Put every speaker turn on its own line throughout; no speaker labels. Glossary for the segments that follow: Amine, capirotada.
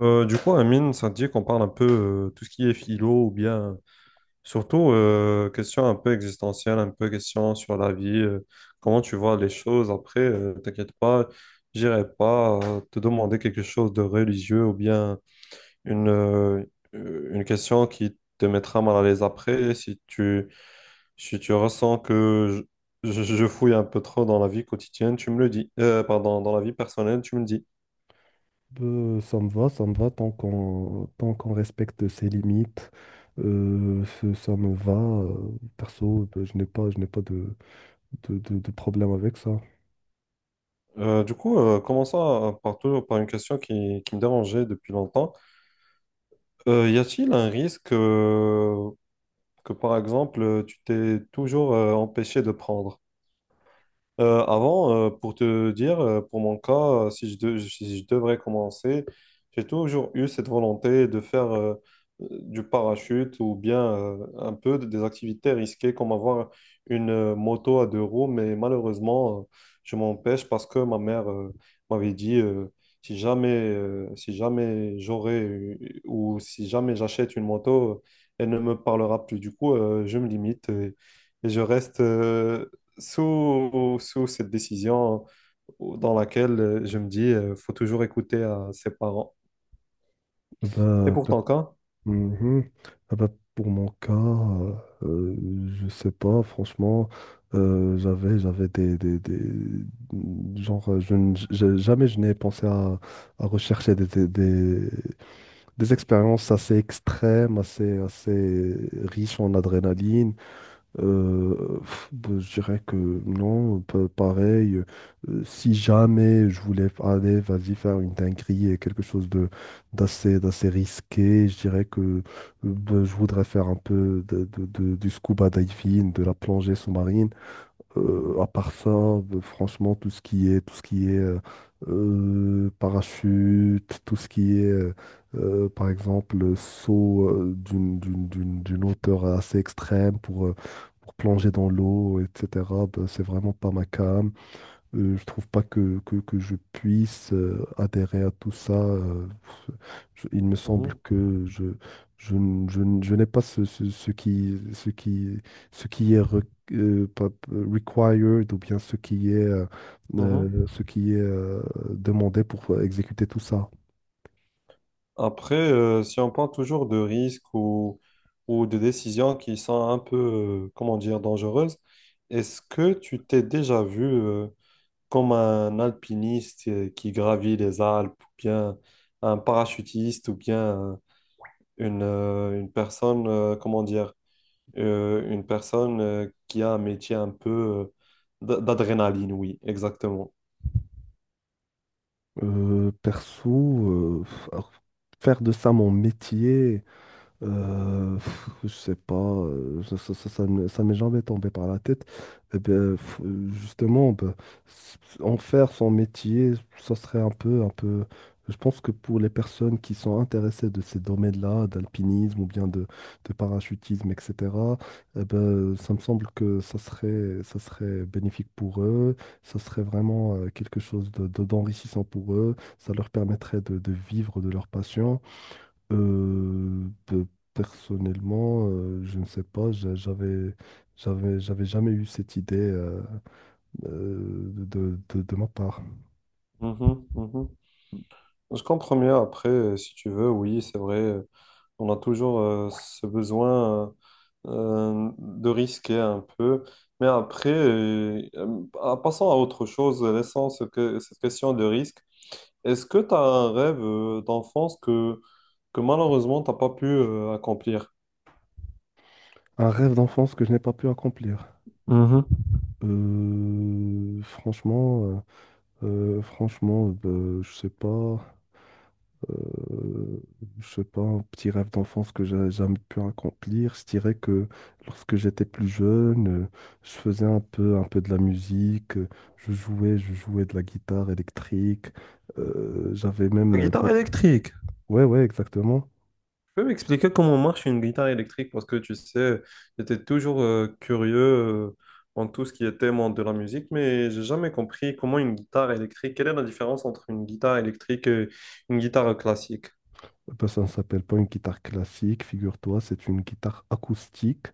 Amine, ça te dit qu'on parle un peu tout ce qui est philo ou bien surtout question un peu existentielle, un peu question sur la vie, comment tu vois les choses. Après, t'inquiète pas, j'irai pas te demander quelque chose de religieux ou bien une, euh, une question qui te mettra mal à l'aise après si tu ressens que je fouille un peu trop dans la vie quotidienne, tu me le dis. Pardon, dans la vie personnelle, tu me le dis.
Ça me va, ça me va tant qu'on respecte ses limites. Ça me va. Perso, ben, je n'ai pas de problème avec ça.
Commençons par, par une question qui me dérangeait depuis longtemps. Y a-t-il un risque que, par exemple, tu t'es toujours empêché de prendre? Avant, pour te dire, pour mon cas, si si je devrais commencer, j'ai toujours eu cette volonté de faire du parachute ou bien un peu des activités risquées comme avoir une moto à deux roues, mais malheureusement, je m'empêche parce que ma mère m'avait dit si jamais, si jamais ou si jamais j'achète une moto, elle ne me parlera plus. Du coup, je me limite et je reste. Sous, sous cette décision dans laquelle je me dis, faut toujours écouter à ses parents. Et
Bah,
pour
per-
ton cas,
Mhm. Ah bah, pour mon cas, euh, je sais pas, franchement, j'avais, j'avais des- Genre, je, ne- je- jamais je n'ai pensé à rechercher des expériences assez extrêmes, assez, assez riches en adrénaline. Bah, je dirais que non, pareil. Si jamais je voulais aller, vas-y, faire une dinguerie et quelque chose de d'assez d'assez risqué, je dirais que bah, je voudrais faire un peu du scuba diving, de la plongée sous-marine. À part ça, franchement, tout ce qui est, tout ce qui est parachute, tout ce qui est, par exemple, saut d'une, d'une hauteur assez extrême pour plonger dans l'eau, etc., ben, c'est vraiment pas ma came. Je trouve pas que, que je puisse adhérer à tout ça. Je- il me
mhm,
semble que je, je n'ai pas ce, ce, ce qui, ce qui, ce qui est re- pas- required ou bien
mhm.
ce qui est demandé pour exécuter tout ça.
Après, si on parle toujours de risques ou de décisions qui sont un peu, comment dire, dangereuses, est-ce que tu t'es déjà vu, comme un alpiniste qui gravit les Alpes, ou bien un parachutiste, ou bien une personne, comment dire, une personne qui a un métier un peu d'adrénaline, oui, exactement.
Perso, alors, faire de ça mon métier. Je sais pas, ça m'est jamais tombé par la tête. Eh bien, justement, ben, en faire son métier, ça serait un peu, un peu. Je pense que pour les personnes qui sont intéressées de ces domaines-là, d'alpinisme ou bien de parachutisme, etc., eh ben, ça me semble que ça serait bénéfique pour eux. Ça serait vraiment quelque chose de, d'enrichissant pour eux. Ça leur permettrait de vivre de leur passion. Euh, de- Personnellement, je ne sais pas, j'avais jamais eu cette idée de, de ma part.
Mhm, mhm. Je comprends mieux après, si tu veux, oui, c'est vrai, on a toujours ce besoin de risquer un peu. Mais après, passons à autre chose, laissons cette question de risque. Est-ce que tu as un rêve d'enfance que malheureusement t'as pas pu accomplir?
Un rêve d'enfance que je n'ai pas pu accomplir.
Mhm.
Franchement, franchement, je sais pas. euh, je sais pas, un petit rêve d'enfance que j'ai jamais pu accomplir. Je dirais que lorsque j'étais plus jeune, je faisais un peu de la musique, je jouais de la guitare électrique. J'avais même,
La guitare électrique.
ouais, ouais, exactement.
Tu peux m'expliquer comment marche une guitare électrique? Parce que tu sais, j'étais toujours curieux en tout ce qui était monde de la musique, mais j'ai jamais compris comment une guitare électrique, quelle est la différence entre une guitare électrique et une guitare classique?
Eh ben, ça ne s'appelle pas une guitare classique, figure-toi, c'est une guitare acoustique.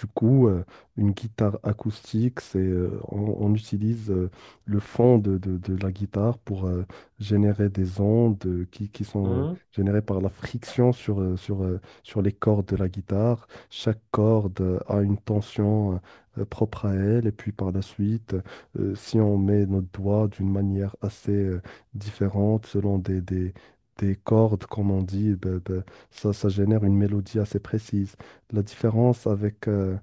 Du coup, une guitare acoustique, c'est, on utilise le fond de la guitare pour générer des ondes qui sont
Hmm?
générées par la friction sur, sur, sur les cordes de la guitare. Chaque corde a une tension propre à elle. Et puis par la suite, si on met notre doigt d'une manière assez différente selon des cordes, comme on dit, ben, ben, ça génère une mélodie assez précise. La différence avec euh,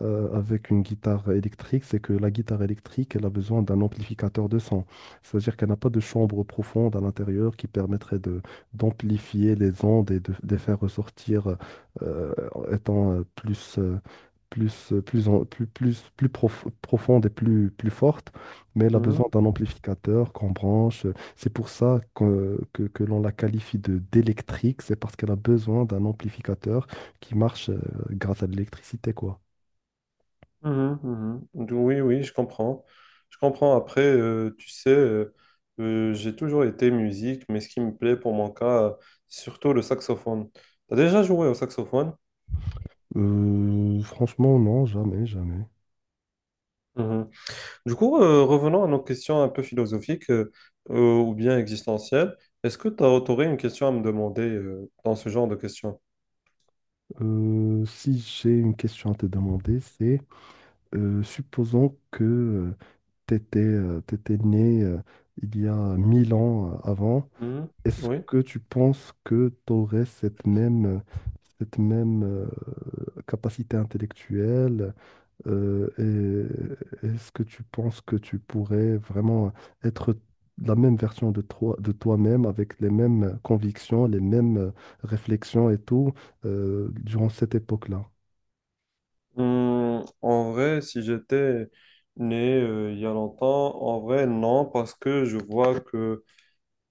euh, avec une guitare électrique, c'est que la guitare électrique, elle a besoin d'un amplificateur de son. C'est-à-dire qu'elle n'a pas de chambre profonde à l'intérieur qui permettrait de d'amplifier les ondes et de les faire ressortir euh, étant plus, plus, plus, plus, plus, profonde et plus, plus forte. Mais elle a
Hmm.
besoin d'un amplificateur qu'on branche. C'est pour ça que l'on la qualifie de d'électrique. C'est parce qu'elle a besoin d'un amplificateur qui marche grâce à de l'électricité, quoi.
Mhm, mhm. Oui, oui, je comprends. Je comprends. Après, tu sais, j'ai toujours été musique, mais ce qui me plaît pour mon cas, c'est surtout le saxophone. T'as déjà joué au saxophone?
Franchement, non, jamais, jamais.
Mhm. Du coup, revenons à nos questions un peu philosophiques ou bien existentielles. Est-ce que tu aurais une question à me demander dans ce genre de questions?
Si j'ai une question à te demander, c'est supposons que tu étais, né il y a 1000 ans avant,
Mhm.
est-ce
Oui.
que tu penses que tu aurais cette même capacité intellectuelle? Euh, et est-ce que tu penses que tu pourrais vraiment être la même version de toi, de toi-même avec les mêmes convictions, les mêmes réflexions et tout durant cette époque-là?
En vrai, si j'étais né il y a longtemps, en vrai, non, parce que je vois que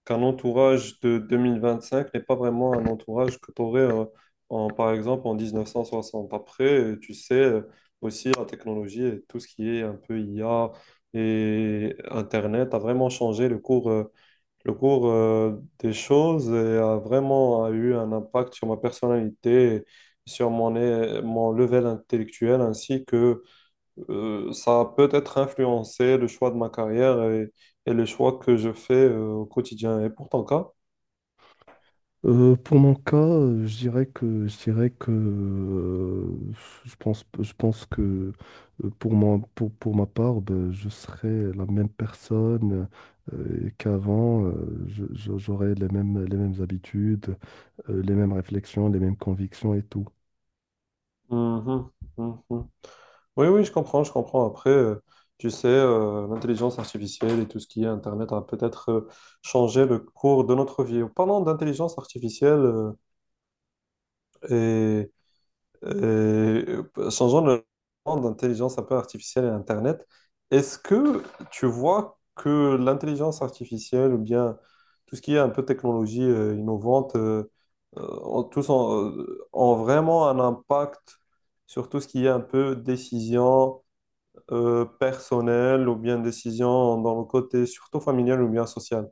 qu'un entourage de 2025 n'est pas vraiment un entourage que tu aurais, en, par exemple, en 1960. Après, tu sais, aussi la technologie et tout ce qui est un peu IA et Internet a vraiment changé le cours des choses et a eu un impact sur ma personnalité, et sur mon, mon level intellectuel ainsi que ça a peut-être influencé le choix de ma carrière et les choix que je fais au quotidien. Et pour ton cas?
Pour mon cas, je dirais que je dirais que je pense que pour moi pour ma part, ben, je serais la même personne qu'avant. J'aurais les mêmes habitudes, les mêmes réflexions, les mêmes convictions et tout.
Mhm, mhm. Oui, oui, je comprends, je comprends. Après, tu sais, l'intelligence artificielle et tout ce qui est Internet a peut-être changé le cours de notre vie. Parlons d'intelligence artificielle euh, et changeons le champ d'intelligence un peu artificielle et Internet, est-ce que tu vois que l'intelligence artificielle ou bien tout ce qui est un peu technologie innovante, ont, tous ont, ont vraiment un impact sur tout ce qui est un peu décision personnelle ou bien décision dans le côté surtout familial ou bien social?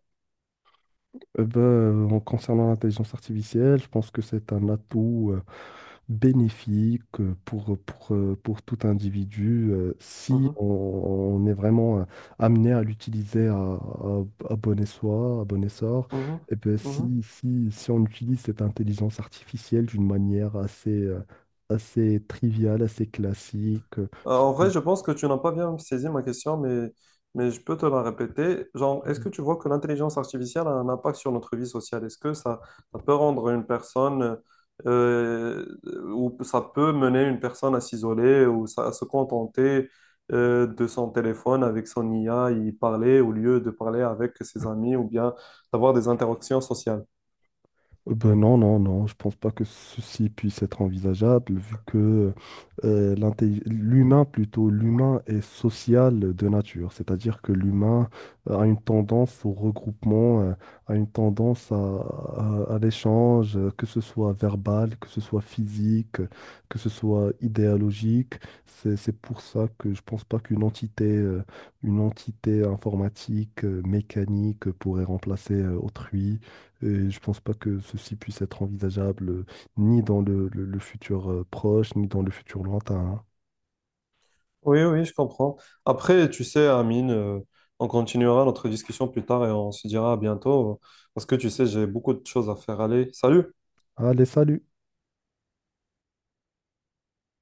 Ben, en concernant l'intelligence artificielle, je pense que c'est un atout bénéfique pour tout individu si
Mhm,
on, on est vraiment amené à l'utiliser à, à bon espoir, à bon essor.
mhm,
Et ben,
mhm.
si, si, si on utilise cette intelligence artificielle d'une manière assez, assez triviale, assez classique,
En vrai, je pense que tu n'as pas bien saisi ma question, mais je peux te la répéter. Genre, est-ce que tu vois que l'intelligence artificielle a un impact sur notre vie sociale? Est-ce que ça peut rendre une personne, euh, ou ça peut mener une personne à s'isoler ou à se contenter, de son téléphone avec son IA, y parler au lieu de parler avec ses amis ou bien d'avoir des interactions sociales?
Ben non, non, non, je pense pas que ceci puisse être envisageable vu que l'humain plutôt, l'humain est social de nature, c'est-à-dire que l'humain a une tendance au regroupement, a une tendance à, à l'échange, que ce soit verbal, que ce soit physique, que ce soit idéologique. C'est pour ça que je pense pas qu'une entité, une entité informatique, mécanique pourrait remplacer autrui. Et je pense pas que ceci puisse être envisageable ni dans le, le futur proche, ni dans le futur lointain. Hein.
Oui, oui, je comprends. Après, tu sais, Amine, on continuera notre discussion plus tard et on se dira à bientôt parce que tu sais, j'ai beaucoup de choses à faire. Allez, salut!
Allez, salut!